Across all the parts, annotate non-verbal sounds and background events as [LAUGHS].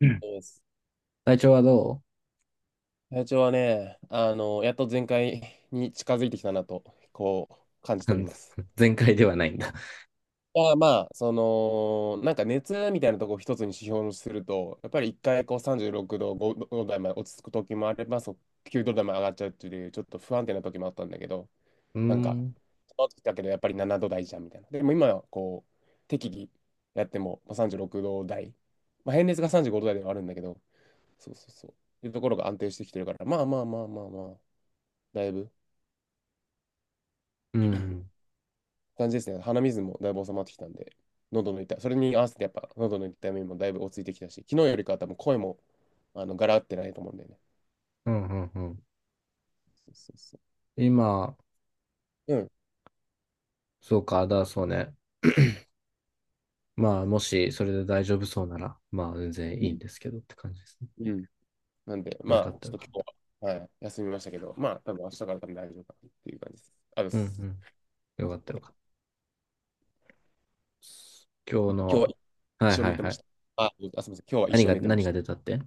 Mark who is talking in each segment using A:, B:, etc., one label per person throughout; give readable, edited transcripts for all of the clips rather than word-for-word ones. A: うん。
B: そうです。
A: 体調はど
B: 体調はね、やっと全開に近づいてきたなと、こう、感じており
A: う？
B: ます。
A: [LAUGHS] 全開ではないんだ。
B: まあまあ、なんか熱みたいなとこを一つに指標にすると、やっぱり一回こう36度、5度台まで落ち着く時もあれば、そう9度台まで上がっちゃうっていう、ちょっと不安定な時もあったんだけど、
A: うー
B: なんか、
A: ん。
B: その時だけどやっぱり7度台じゃんみたいな。でも今はこう、適宜やってもまあ36度台、まあ、平熱が35度台ではあるんだけど、そうそうそう。っていうところが安定してきてるから、まあまあまあまあまあ、だいぶ、
A: うん。
B: 感じですね。鼻水もだいぶ収まってきたんで、喉の痛い、それに合わせてやっぱ喉の痛みもだいぶ落ち着いてきたし、昨日よりかは多分声もガラってないと思うんだよね。
A: うん。うん。うん。
B: そうそうそ
A: 今、
B: う。うん
A: そうか、だ、そうね。まあ、もし、それで大丈夫そうなら、まあ、全然
B: う
A: いいんですけどって感じですね。
B: んうん。なんで、
A: よ
B: ま
A: かっ
B: あ、
A: た、
B: ち
A: よ
B: ょっと
A: かっ
B: 今
A: た。
B: 日は、はい、休みましたけど、まあ、多分明日から多分大丈夫かなっていう感じです。あで
A: うん、う
B: す。
A: ん。よかった、よかった。今日
B: 今日は
A: の、は
B: 一
A: い、
B: 生
A: は
B: 寝
A: い、
B: て
A: は
B: まし
A: い。
B: た。あ、あ、すみません。今日は一
A: 何
B: 生
A: が、
B: 寝てま
A: 何
B: し
A: が出たって？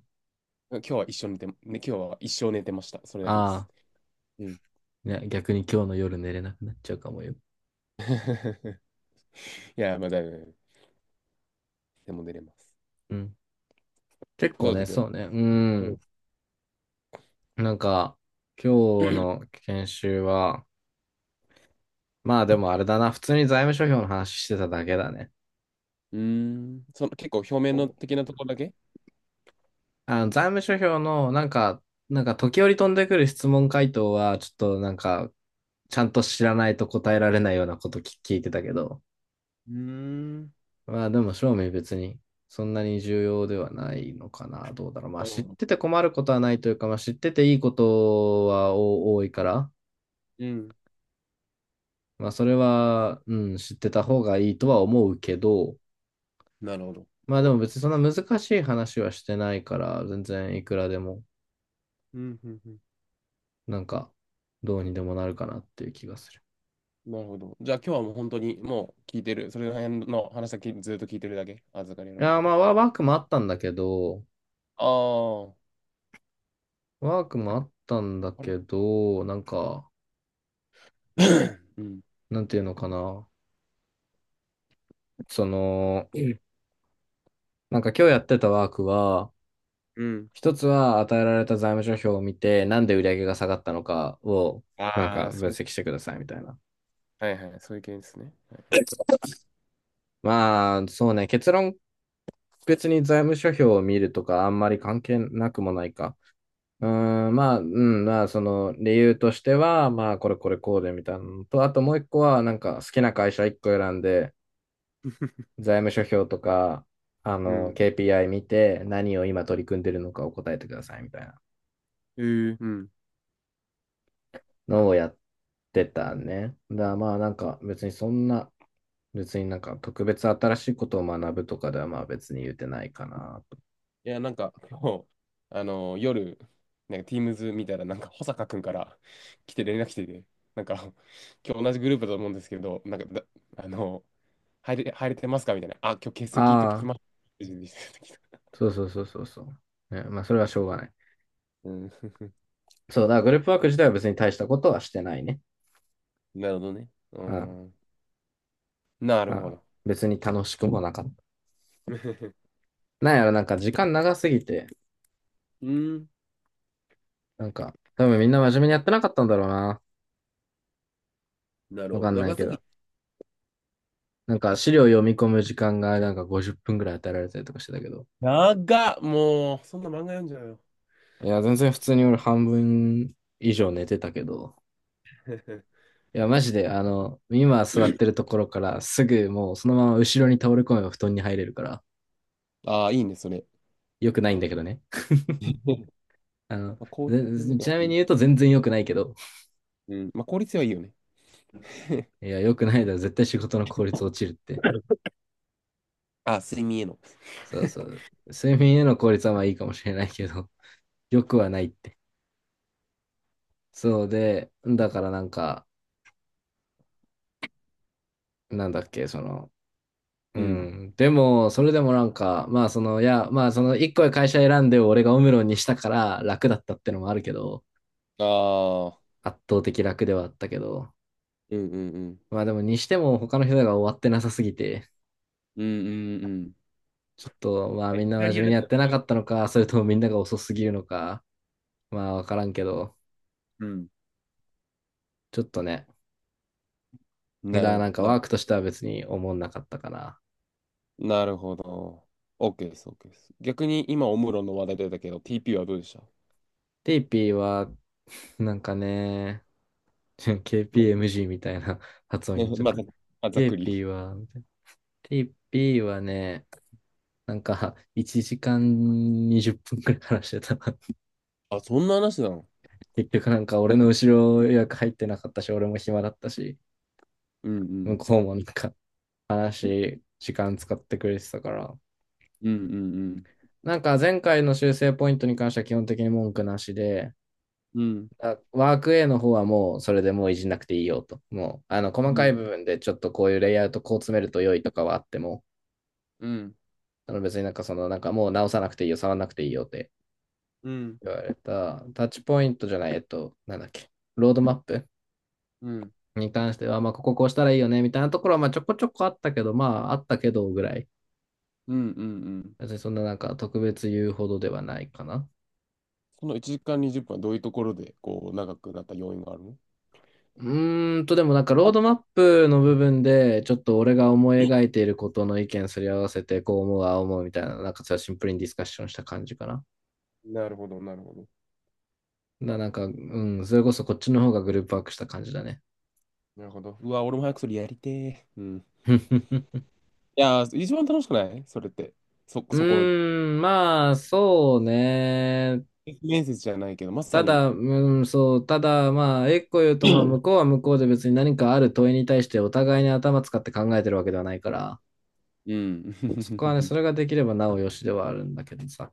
B: た。今日は一生寝て、ね、今日は一生寝てました。それだけで
A: あ
B: す。
A: あ
B: うん。
A: ー、ね、逆に今日の夜寝れなくなっちゃうかもよ。
B: [LAUGHS] いや、まあ、だいぶ、でも寝れます。
A: うん。結構
B: どうだ
A: ね、
B: った今
A: そうね。う
B: 日は。うん。
A: ん。なんか、今日の研修は、まあでもあれだな、普通に財務諸表の話してただけだね。
B: うーん。その結構表面
A: ほ
B: の
A: ぼ
B: 的なところだけ。
A: 財務諸表のなんか、なんか時折飛んでくる質問回答は、ちょっとなんか、ちゃんと知らないと答えられないようなことき聞いてたけど、
B: うーん。
A: まあでも正味別にそんなに重要ではないのかな、どうだろう。まあ
B: なる
A: 知っ
B: ほど。
A: てて困ることはないというか、まあ知ってていいことはお多いから、
B: うん。
A: まあそれは、うん、知ってた方がいいとは思うけど、
B: なるほど。
A: まあでも別にそんな難しい話はしてないから、全然いくらでも
B: うん、うん、うん。
A: なんか、どうにでもなるかなっていう気がする。
B: なるほど。じゃあ今日はもう本当にもう聞いてる。それら辺の話だけずっと聞いてるだけ。預かりの
A: い
B: ま
A: やー、
B: ま
A: ま
B: で。
A: あ、ワークもあったんだけど、
B: ああ。
A: ワークもあったんだ
B: あれ。
A: けど、なんか、
B: [COUGHS] うん。
A: なんていうのかな。その、なんか今日やってたワークは、
B: うん。
A: 一つは与えられた財務諸表を見て、なんで売上が下がったのかを、なん
B: あ
A: か
B: あ、
A: 分
B: そういう。
A: 析してくださいみたいな。
B: はいはい。そういう系ですね。はい。
A: まあ、そうね、結論、別に財務諸表を見るとかあんまり関係なくもないか。うーん、まあ、うん、まあ、その理由としては、まあ、これこれこうでみたいなのと、あともう一個は、なんか好きな会社一個選んで、
B: [LAUGHS]
A: 財務諸表とか、
B: うん。
A: KPI 見て、何を今取り組んでるのかを答えてくださいみたいな
B: えー、うん。
A: のをやってたね。だからまあ、なんか別にそんな、別になんか特別新しいことを学ぶとかではまあ別に言うてないかなと。
B: いや、なんか、今日、あの夜、なんか Teams 見たら、なんか、保坂くんから来て連絡来てて、なんか、[LAUGHS] 今日同じグループだと思うんですけど、なんかだ、あの入れてますかみたいな。あ、今日欠席と聞き
A: ああ、
B: ます。
A: そうそうそうそうそう。ね、まあ、それはしょうがない。
B: うん。
A: そうだ、グループワーク自体は別に大したことはしてないね。
B: [LAUGHS] なるほどね。う
A: うん。
B: ん、なる
A: ま
B: ほ
A: あ、
B: ど。
A: 別に楽しくもなかった。
B: [LAUGHS]
A: なんやろ、なんか時間長すぎて、
B: うん、
A: なんか、多分みんな真面目にやってなかったんだろうな。
B: なる
A: わ
B: ほ
A: か
B: ど。
A: んない
B: 長
A: け
B: すぎ。
A: ど。なんか資料読み込む時間がなんか50分ぐらい与えられたりとかしてたけど。
B: 長っ、もう、そんな漫画読んじゃうよ。
A: いや、全然普通に俺半分以上寝てたけど。
B: [LAUGHS]
A: いや、マジで、今座ってるところからすぐもうそのまま後ろに倒れ込めば布団に入れるから、
B: ああ、いいね、それ。
A: 良くないんだけどね。
B: [LAUGHS]
A: あの、
B: まあ、効率、
A: ちなみに言うと全然良くないけど。
B: うん、まあ、効率はいいよね。[LAUGHS]
A: いや、良くないだろ、絶対仕事の効率落ちるって。
B: あ、睡眠への。
A: そうそう。睡眠への効率はまあいいかもしれないけど、[LAUGHS] 良くはないって。そうで、だからなんか、なんだっけ、その、う
B: うん。
A: ん。でも、それでもなんか、まあその一個会社選んで俺がオムロンにしたから楽だったってのもあるけど、
B: ああ、
A: 圧倒的楽ではあったけど、
B: うんうんうん。
A: まあでもにしても他の人が終わってなさすぎて、
B: うんうんうん。
A: ちょっとまあ
B: まあ、い
A: みん
B: き
A: な
B: な
A: 真
B: り
A: 面
B: や
A: 目に
B: る
A: やっ
B: と、
A: てなかったのか、それともみんなが遅すぎるのか、まあわからんけど、
B: うん。
A: ちょっとね、だ
B: な
A: か
B: る
A: ら
B: ほ
A: な
B: ど。
A: んかワークとしては別に思んなかったかな。
B: なるほど。OK です、OK です。逆に今、オムロンの話題出たけど、TP はどうでした？
A: テイピーは、[LAUGHS] なんかね、[LAUGHS]
B: まあ、
A: KPMG みたいな [LAUGHS] 発音に
B: ね、
A: なっちゃっ
B: まあ、
A: た。
B: ざっ
A: テイ
B: くり。
A: ピーは、テイピーはね、なんか1時間20分くらい話してた。[LAUGHS]
B: あ、そんな話なの？
A: 結局なんか俺の後ろ予約入ってなかったし、俺も暇だったし、
B: うんう
A: 向
B: ん。
A: こうもなんか話、時間使ってくれてたから。
B: うんうんうん。
A: なんか前回の修正ポイントに関しては基本的に文句なしで、
B: うん
A: ワーク A の方はもうそれでもういじんなくていいよと。もう、細
B: う
A: かい
B: ん
A: 部分でちょっとこういうレイアウトこう詰めると良いとかはあっても、
B: うん。
A: あの別になんかその、なんかもう直さなくていいよ、触らなくていいよって
B: うん
A: 言われた。タッチポイントじゃない、なんだっけ、ロードマップ
B: うん
A: に関しては、まあ、こここうしたらいいよね、みたいなところは、まあ、ちょこちょこあったけど、まあ、あったけどぐらい。
B: うん。うん。
A: 別にそんななんか特別言うほどではないかな。
B: その1時間20分はどういうところで、こう、長くなった要因があるの？
A: うーんと、でもなんかロー
B: あ、
A: ドマップの部分で、ちょっと俺が思い描いていることの意見すり合わせて、こう思う、ああ思うみたいな、なんかそれはシンプルにディスカッションした感じかな。
B: なるほど、なるほど。
A: なんか、うん、それこそこっちの方がグループワークした感じだね。
B: なるほど。うわ、俺も早くそれやりてー。うん。
A: [LAUGHS]
B: いやー、一番楽しくないそれって。
A: う
B: そこ、
A: ーん、まあ、そうね。
B: 面接じゃないけど、まさ
A: た
B: に。
A: だ、うん、そう、ただ、まあ、一個言うと、まあ、向こうは向こうで別に何かある問いに対してお互いに頭使って考えてるわけではないから、
B: う
A: そこはね、そ
B: ん。
A: れ
B: [LAUGHS]
A: ができればなおよしではあるんだけどさ。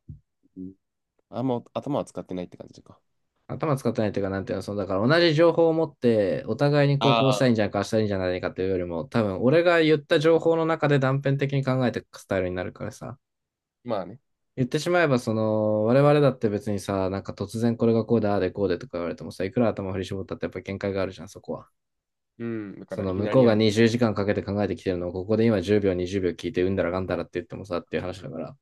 B: あんま頭は使ってないって感じか。
A: 頭使ってないというか、なんていうの、その、だから同じ情報を持って、お互いにこう、
B: あ
A: こうしたいん
B: あ。
A: じゃないか、ああしたいんじゃないかというよりも、多分、俺が言った情報の中で断片的に考えていくスタイルになるからさ。
B: まあね。
A: 言ってしまえば、その、我々だって別にさ、なんか突然これがこうだ、ああでこうでとか言われてもさ、いくら頭振り絞ったってやっぱ限界があるじゃん、そこは。
B: うん。だか
A: そ
B: ら、
A: の、
B: いき
A: 向
B: な
A: こう
B: り
A: が20時間かんかけて考えてきてるのを、ここで今10秒、20秒聞いて、うんだらがんだらって言ってもさ、っていう話だから。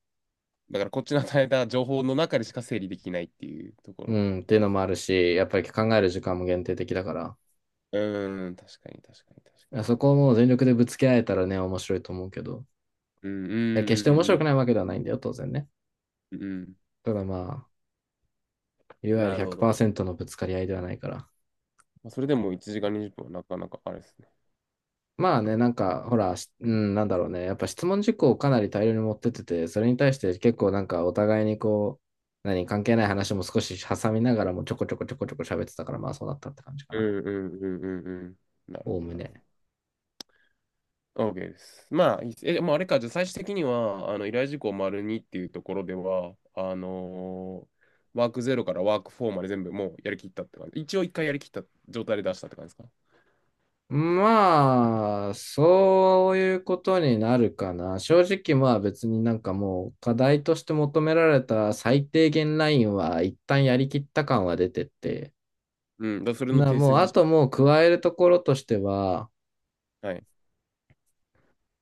B: だからこっちの与えた情報の中でしか整理できないっていうとこ
A: う
B: ろ。
A: ん、っていうのもあるし、やっぱり考える時間も限定的だから、
B: うん、確かに、確かに、確か
A: そ
B: に。
A: こをもう全力でぶつけ合えたらね、面白いと思うけど。
B: うん、うん、
A: や、決して面
B: う
A: 白
B: ん、
A: くないわけではないんだよ、当然ね。
B: うん、うん。うん。
A: ただまあ、いわゆる
B: なるほど。
A: 100%のぶつかり合いではないから。
B: まあ、それでも1時間20分はなかなかあれですね。
A: まあね、なんか、ほら、うん、なんだろうね。やっぱ質問事項をかなり大量に持ってってて、それに対して結構なんかお互いにこう、何、関係ない話も少し挟みながらもちょこちょこちょこちょこ喋ってたから、まあそうなったって感じか
B: う
A: な。
B: ん、うん、うん、うん、うん。なるほ
A: おお
B: ど、
A: む
B: なるほ
A: ね。
B: ど。OK です。まあ、いいっすえ、まあ、あれか、じゃあ最終的には、依頼事項丸2っていうところでは、ワークゼロからワークフォーまで全部もうやりきったって感じ。一応一回やりきった状態で出したって感じですか？
A: まあ、そういうことになるかな。正直まあ別になんかもう課題として求められた最低限ラインは一旦やりきった感は出てて。
B: うん、だからそれの訂正
A: もう
B: で
A: あ
B: し
A: ともう加えるところとしては、
B: た。はい。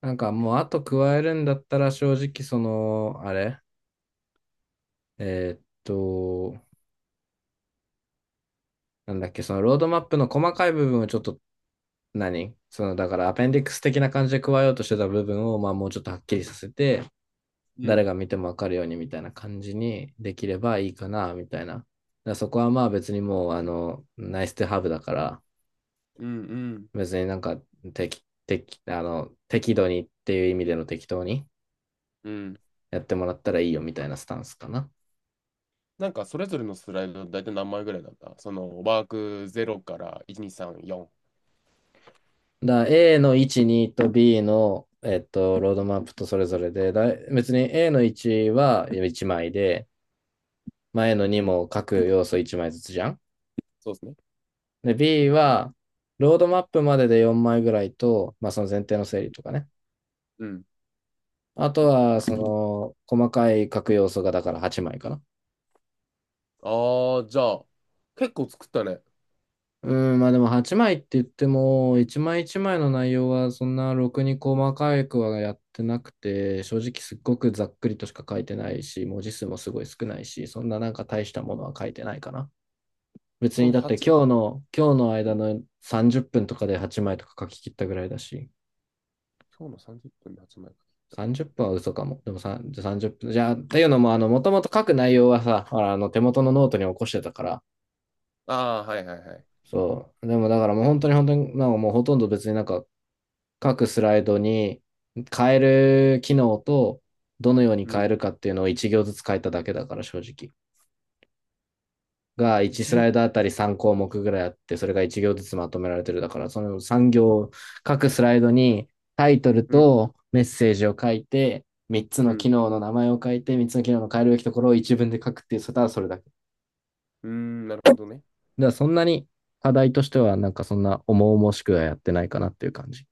A: なんかもうあと加えるんだったら正直その、あれえーっと、なんだっけ、そのロードマップの細かい部分をちょっと何そのだからアペンディックス的な感じで加えようとしてた部分をまあもうちょっとはっきりさせて、
B: う
A: 誰
B: ん、
A: が見てもわかるようにみたいな感じにできればいいかな、みたいな。だからそこはまあ別にもう、ナイスとハブだから、
B: うん、うん、
A: 別になんか適、適、あの、適度にっていう意味での適当に
B: うん。
A: やってもらったらいいよみたいなスタンスかな。
B: なんか、それぞれのスライド、大体何枚ぐらいだったワークゼロから1、2、3、4。
A: だから A の1、2と B の、ロードマップとそれぞれで、だ別に A の1は1枚で、まあ A の
B: う
A: 2
B: ん、
A: も各要素1枚ずつじゃん。
B: そうですね。
A: で、B は、ロードマップまでで4枚ぐらいと、まあその前提の整理とかね。
B: うん。
A: あとは、その、細かい書く要素がだから8枚かな。
B: ああ、じゃあ、結構作ったね。
A: うん、まあでも8枚って言っても、1枚1枚の内容はそんなろくに細かくはやってなくて、正直すっごくざっくりとしか書いてないし、文字数もすごい少ないし、そんななんか大したものは書いてないかな。別
B: そ
A: に
B: の
A: だって
B: 8、
A: 今日の、今日の間の30分とかで8枚とか書き切ったぐらいだし、
B: 今日の30分で8枚た。
A: 30分は嘘かも。でもさ30分。じゃあ、っていうのも、もともと書く内容はさ、ほら、手元のノートに起こしてたから、
B: ああ、はいはいはい。
A: そう。でもだからもう本当に本当に、なんかもうほとんど別になんか各スライドに変える機能とどのように
B: う
A: 変え
B: ん。
A: るかっていうのを1行ずつ変えただけだから正直。が
B: 一
A: 1ス
B: 行
A: ライドあたり3項目ぐらいあって、それが1行ずつまとめられてるだから、その3行、各スライドにタイトル
B: うん。
A: とメッセージを書いて、3つ
B: う
A: の機
B: ん。
A: 能の名前を書いて、3つの機能の変えるべきところを一文で書くっていう、それただそれだけ。だか
B: うーん。なるほどね。
A: らそんなに課題としてはなんかそんな重々しくはやってないかなっていう感じ。